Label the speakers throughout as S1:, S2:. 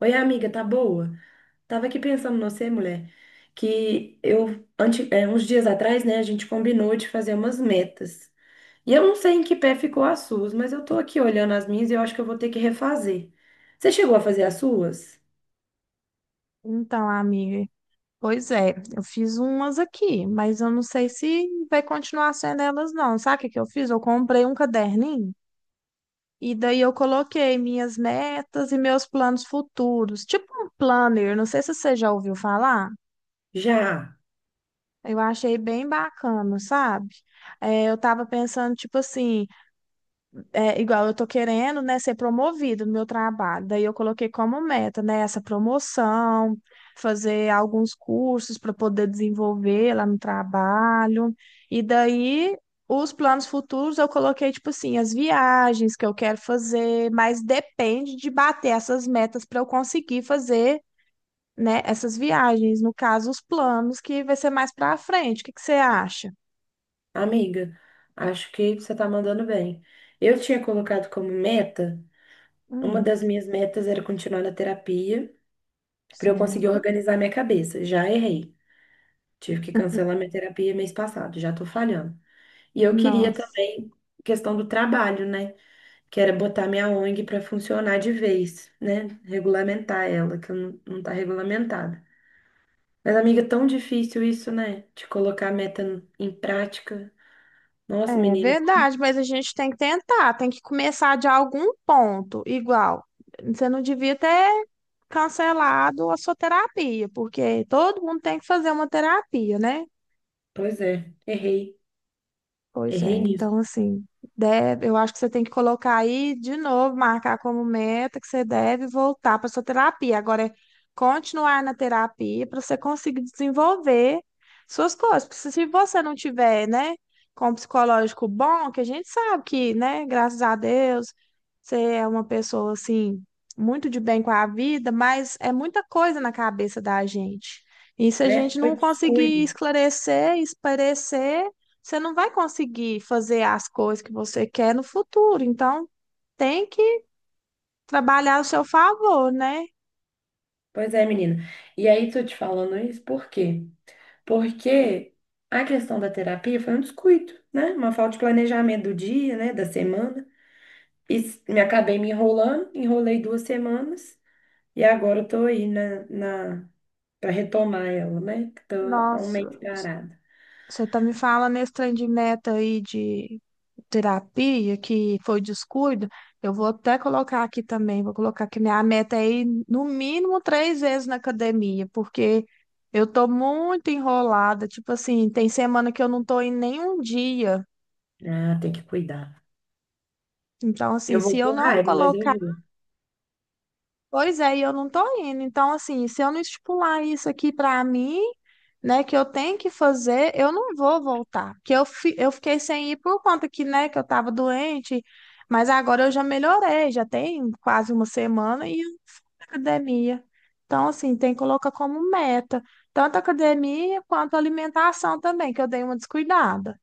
S1: Oi, amiga, tá boa? Tava aqui pensando em você, mulher, que eu, ante, uns dias atrás, né, a gente combinou de fazer umas metas. E eu não sei em que pé ficou as suas, mas eu tô aqui olhando as minhas e eu acho que eu vou ter que refazer. Você chegou a fazer as suas?
S2: Então, amiga, pois é, eu fiz umas aqui, mas eu não sei se vai continuar sendo elas, não. Sabe o que que eu fiz? Eu comprei um caderninho e daí eu coloquei minhas metas e meus planos futuros, tipo um planner, não sei se você já ouviu falar.
S1: Já,
S2: Eu achei bem bacana, sabe? É, eu tava pensando, tipo assim, é, igual eu tô querendo, né, ser promovido no meu trabalho. Daí eu coloquei como meta, né, essa promoção, fazer alguns cursos para poder desenvolver lá no trabalho. E daí os planos futuros eu coloquei tipo assim, as viagens que eu quero fazer, mas depende de bater essas metas para eu conseguir fazer, né, essas viagens, no caso os planos que vai ser mais para frente. O que que você acha?
S1: amiga. Acho que você tá mandando bem. Eu tinha colocado como meta, uma
S2: Hum,
S1: das minhas metas era continuar na terapia, pra eu conseguir
S2: certo.
S1: organizar minha cabeça. Já errei. Tive que cancelar minha terapia mês passado, já tô falhando. E eu queria
S2: Nossa.
S1: também questão do trabalho, né? Que era botar minha ONG para funcionar de vez, né? Regulamentar ela, que eu não tá regulamentada. Mas, amiga, é tão difícil isso, né? De colocar a meta em prática. Nossa,
S2: É
S1: menina, como...
S2: verdade, mas a gente tem que tentar, tem que começar de algum ponto. Igual, você não devia ter cancelado a sua terapia, porque todo mundo tem que fazer uma terapia, né?
S1: Pois é, errei.
S2: Pois é,
S1: Errei nisso,
S2: então assim, deve, eu acho que você tem que colocar aí de novo, marcar como meta que você deve voltar para sua terapia. Agora é continuar na terapia para você conseguir desenvolver suas coisas. Porque se você não tiver, né, com um psicológico bom, que a gente sabe que, né, graças a Deus, você é uma pessoa assim muito de bem com a vida, mas é muita coisa na cabeça da gente. E se a
S1: né?
S2: gente
S1: Foi
S2: não conseguir
S1: descuido.
S2: esclarecer, esparecer você não vai conseguir fazer as coisas que você quer no futuro. Então, tem que trabalhar ao seu favor, né?
S1: Pois é, menina. E aí, tô te falando isso por quê? Porque a questão da terapia foi um descuido, né? Uma falta de planejamento do dia, né? Da semana. E me acabei me enrolando, enrolei duas semanas e agora eu tô aí na, na para retomar ela, né? Que tô há um mês
S2: Nossa,
S1: parada.
S2: você tá me falando esse trem de meta aí de terapia, que foi descuido. Eu vou até colocar aqui também, vou colocar que minha meta é ir no mínimo 3 vezes na academia, porque eu tô muito enrolada. Tipo assim, tem semana que eu não tô em nenhum dia.
S1: Ah, tem que cuidar.
S2: Então, assim,
S1: Eu vou
S2: se eu
S1: com
S2: não
S1: raiva, mas eu
S2: colocar.
S1: vou,
S2: Pois é, e eu não tô indo. Então, assim, se eu não estipular isso aqui pra mim, né, que eu tenho que fazer, eu não vou voltar. Que eu, eu fiquei sem ir por conta que, né, que eu tava doente, mas agora eu já melhorei, já tem quase uma semana e eu na academia. Então, assim, tem que colocar como meta, tanto a academia quanto a alimentação também, que eu dei uma descuidada.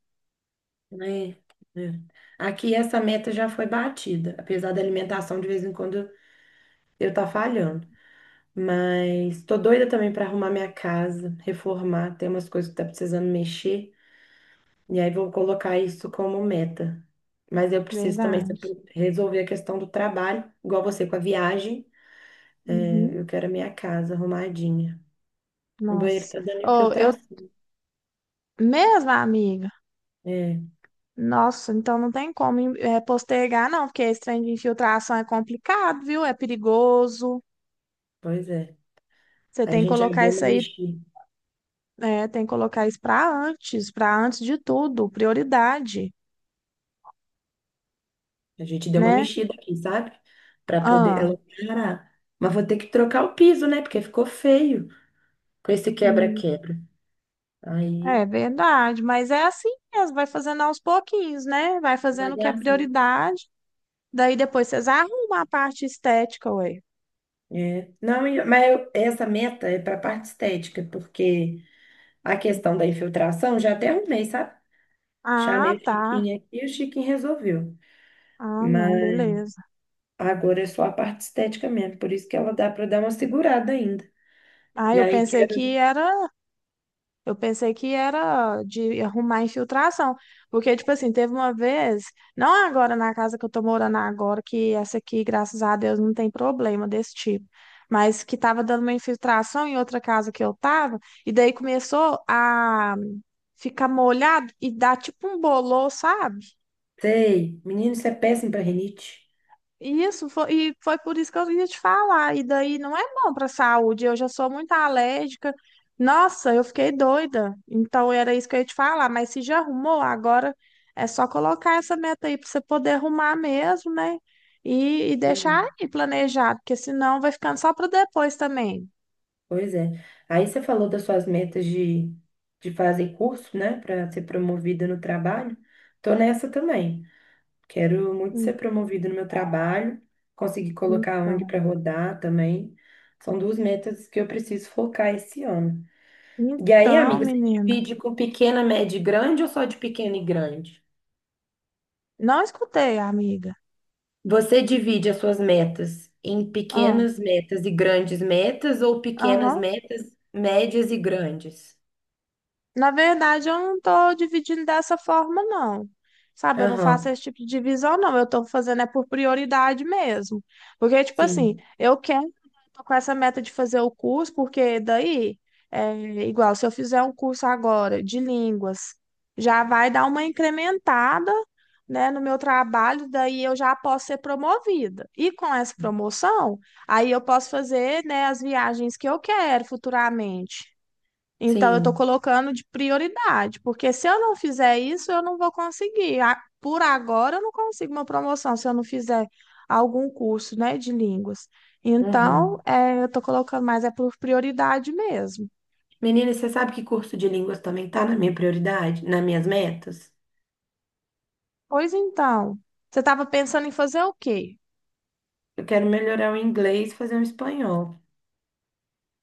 S1: né? É. Aqui essa meta já foi batida, apesar da alimentação de vez em quando eu tá falhando. Mas tô doida também para arrumar minha casa, reformar, tem umas coisas que tá precisando mexer. E aí vou colocar isso como meta. Mas eu preciso também
S2: Verdade.
S1: saber resolver a questão do trabalho, igual você com a viagem.
S2: Uhum.
S1: É, eu quero a minha casa arrumadinha. O banheiro
S2: Nossa.
S1: tá dando
S2: Ou eu
S1: infiltração.
S2: mesma, amiga.
S1: É,
S2: Nossa, então não tem como postergar, não, porque esse trem de infiltração é complicado, viu? É perigoso.
S1: pois é.
S2: Você
S1: A
S2: tem que
S1: gente já
S2: colocar
S1: deu
S2: isso
S1: uma
S2: aí,
S1: mexida.
S2: tem que colocar isso para antes de tudo, prioridade,
S1: A gente deu uma
S2: né?
S1: mexida aqui, sabe? Para poder
S2: Ah,
S1: ela parar. Mas vou ter que trocar o piso, né? Porque ficou feio com esse
S2: hum,
S1: quebra-quebra.
S2: é
S1: Aí,
S2: verdade, mas é assim mesmo, vai fazendo aos pouquinhos, né? Vai fazendo o que é
S1: devagarzinho.
S2: prioridade, daí depois vocês arrumam a parte estética, ué.
S1: É. Não, mas essa meta é para a parte estética, porque a questão da infiltração, já até arrumei, sabe?
S2: Ah,
S1: Chamei o
S2: tá.
S1: Chiquinho aqui e o Chiquinho resolveu.
S2: Ah, não,
S1: Mas
S2: beleza.
S1: agora é só a parte estética mesmo, por isso que ela dá para dar uma segurada ainda.
S2: Ah,
S1: E
S2: eu
S1: aí
S2: pensei que
S1: quero,
S2: era Eu pensei que era de arrumar infiltração. Porque, tipo assim, teve uma vez, não agora na casa que eu tô morando agora, que essa aqui, graças a Deus, não tem problema desse tipo. Mas que tava dando uma infiltração em outra casa que eu tava, e daí começou a ficar molhado e dar tipo um bolor, sabe?
S1: sei, menino, isso é péssimo para rinite.
S2: E isso, foi por isso que eu ia te falar. E daí não é bom para a saúde. Eu já sou muito alérgica. Nossa, eu fiquei doida. Então era isso que eu ia te falar. Mas se já arrumou, agora é só colocar essa meta aí para você poder arrumar mesmo, né? E deixar
S1: Uhum.
S2: aí planejado, porque senão vai ficando só para depois também.
S1: Pois é. Aí você falou das suas metas de fazer curso, né, para ser promovida no trabalho. Tô nessa também. Quero muito ser
S2: Hum,
S1: promovida no meu trabalho, conseguir colocar a ONG
S2: Então,
S1: para rodar também. São duas metas que eu preciso focar esse ano. E aí,
S2: então,
S1: amiga, você
S2: menina.
S1: divide com pequena, média e grande ou só de pequena e grande?
S2: Não escutei, amiga.
S1: Você divide as suas metas em
S2: Ah,
S1: pequenas metas e grandes metas ou pequenas
S2: aham.
S1: metas, médias e grandes?
S2: Na verdade, eu não tô dividindo dessa forma, não. Sabe, eu não faço
S1: Aham,
S2: esse tipo de divisão, não. Eu tô fazendo é por prioridade mesmo. Porque, tipo assim,
S1: sim,
S2: eu quero, né, tô com essa meta de fazer o curso, porque daí, é igual, se eu fizer um curso agora de línguas, já vai dar uma incrementada, né, no meu trabalho, daí eu já posso ser promovida. E com essa promoção, aí eu posso fazer, né, as viagens que eu quero futuramente. Então, eu estou
S1: sim.
S2: colocando de prioridade, porque se eu não fizer isso, eu não vou conseguir. Por agora, eu não consigo uma promoção se eu não fizer algum curso, né, de línguas. Então,
S1: Uhum.
S2: é, eu estou colocando, mas é por prioridade mesmo.
S1: Menina, você sabe que curso de línguas também tá na minha prioridade, nas minhas metas?
S2: Pois então, você estava pensando em fazer o quê?
S1: Eu quero melhorar o inglês, e fazer um espanhol.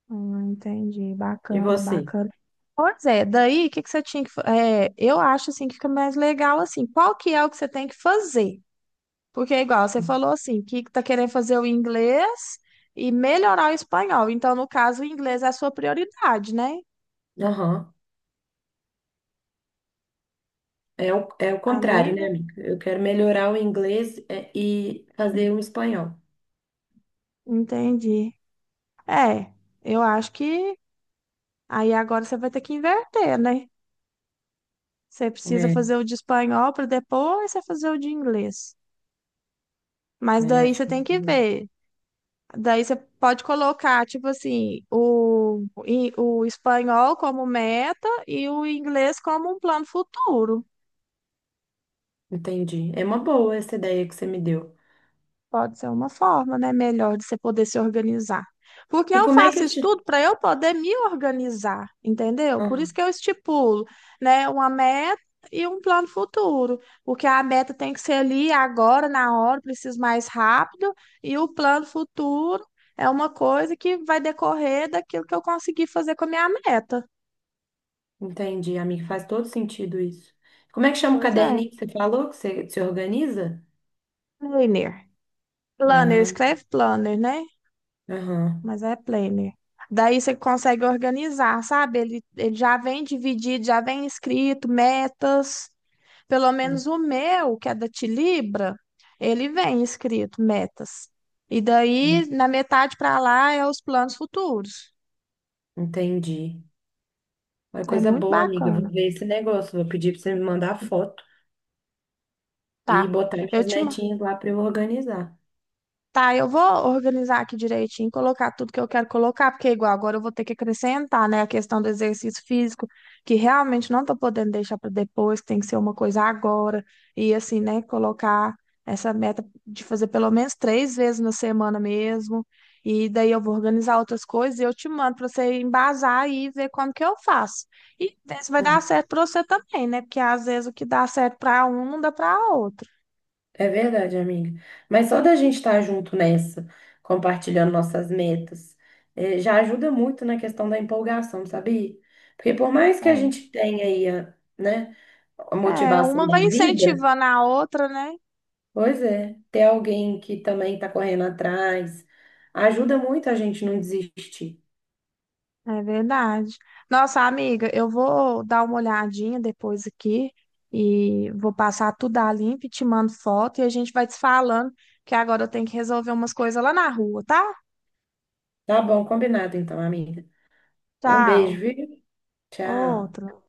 S2: Entendi,
S1: E
S2: bacana,
S1: você?
S2: bacana. Pois é, daí, o que que você tinha que... é, eu acho, assim, que fica mais legal, assim, qual que é o que você tem que fazer? Porque é igual, você falou assim, que tá querendo fazer o inglês e melhorar o espanhol. Então, no caso, o inglês é a sua prioridade, né,
S1: Aham. É o contrário, né,
S2: amiga?
S1: amiga? Eu quero melhorar o inglês é, e fazer um espanhol.
S2: Entendi. É, eu acho que aí agora você vai ter que inverter, né? Você precisa
S1: É.
S2: fazer o de espanhol para depois você fazer o de inglês. Mas
S1: É,
S2: daí
S1: acho
S2: você
S1: que
S2: tem que ver. Daí você pode colocar, tipo assim, o espanhol como meta e o inglês como um plano futuro.
S1: entendi. É uma boa essa ideia que você me deu.
S2: Pode ser uma forma, né, melhor de você poder se organizar. Porque
S1: E
S2: eu
S1: como é que
S2: faço
S1: eu
S2: isso
S1: te.
S2: tudo para eu poder me organizar, entendeu? Por isso
S1: Aham,
S2: que eu estipulo, né, uma meta e um plano futuro. Porque a meta tem que ser ali agora, na hora, preciso mais rápido, e o plano futuro é uma coisa que vai decorrer daquilo que eu conseguir fazer com a minha meta.
S1: entendi, amiga. Faz todo sentido isso. Como é que chama o
S2: Pois é.
S1: caderninho que você falou que você se organiza?
S2: Planner. Planner,
S1: Ah,
S2: escreve planner, né?
S1: aham.
S2: Mas é planner. Daí você consegue organizar, sabe? Ele já vem dividido, já vem escrito, metas. Pelo menos o meu, que é da Tilibra, ele vem escrito, metas. E daí, na metade para lá, é os planos futuros.
S1: Entendi. Uma
S2: É
S1: coisa
S2: muito
S1: boa, amiga. Eu vou
S2: bacana.
S1: ver esse negócio. Vou pedir pra você me mandar a foto e
S2: Tá.
S1: botar
S2: Eu
S1: minhas
S2: te, ma-
S1: metinhas lá pra eu organizar.
S2: Tá, eu vou organizar aqui direitinho, colocar tudo que eu quero colocar, porque igual agora eu vou ter que acrescentar, né, a questão do exercício físico, que realmente não tô podendo deixar para depois, que tem que ser uma coisa agora. E assim, né, colocar essa meta de fazer pelo menos 3 vezes na semana mesmo. E daí eu vou organizar outras coisas e eu te mando para você embasar aí e ver como que eu faço. E ver se vai dar certo para você também, né? Porque às vezes o que dá certo para um não dá para outro.
S1: É verdade, amiga. Mas só da gente estar junto nessa, compartilhando nossas metas, já ajuda muito na questão da empolgação, sabia? Porque por mais que a
S2: É.
S1: gente tenha né, a
S2: É,
S1: motivação
S2: uma
S1: da
S2: vai
S1: vida,
S2: incentivando a outra, né?
S1: pois é, ter alguém que também está correndo atrás ajuda muito a gente não desistir.
S2: É verdade. Nossa, amiga, eu vou dar uma olhadinha depois aqui e vou passar tudo a limpo e te mando foto e a gente vai te falando que agora eu tenho que resolver umas coisas lá na rua, tá?
S1: Tá bom, combinado então, amiga. Um
S2: Tchau.
S1: beijo, viu? Tchau.
S2: Outra.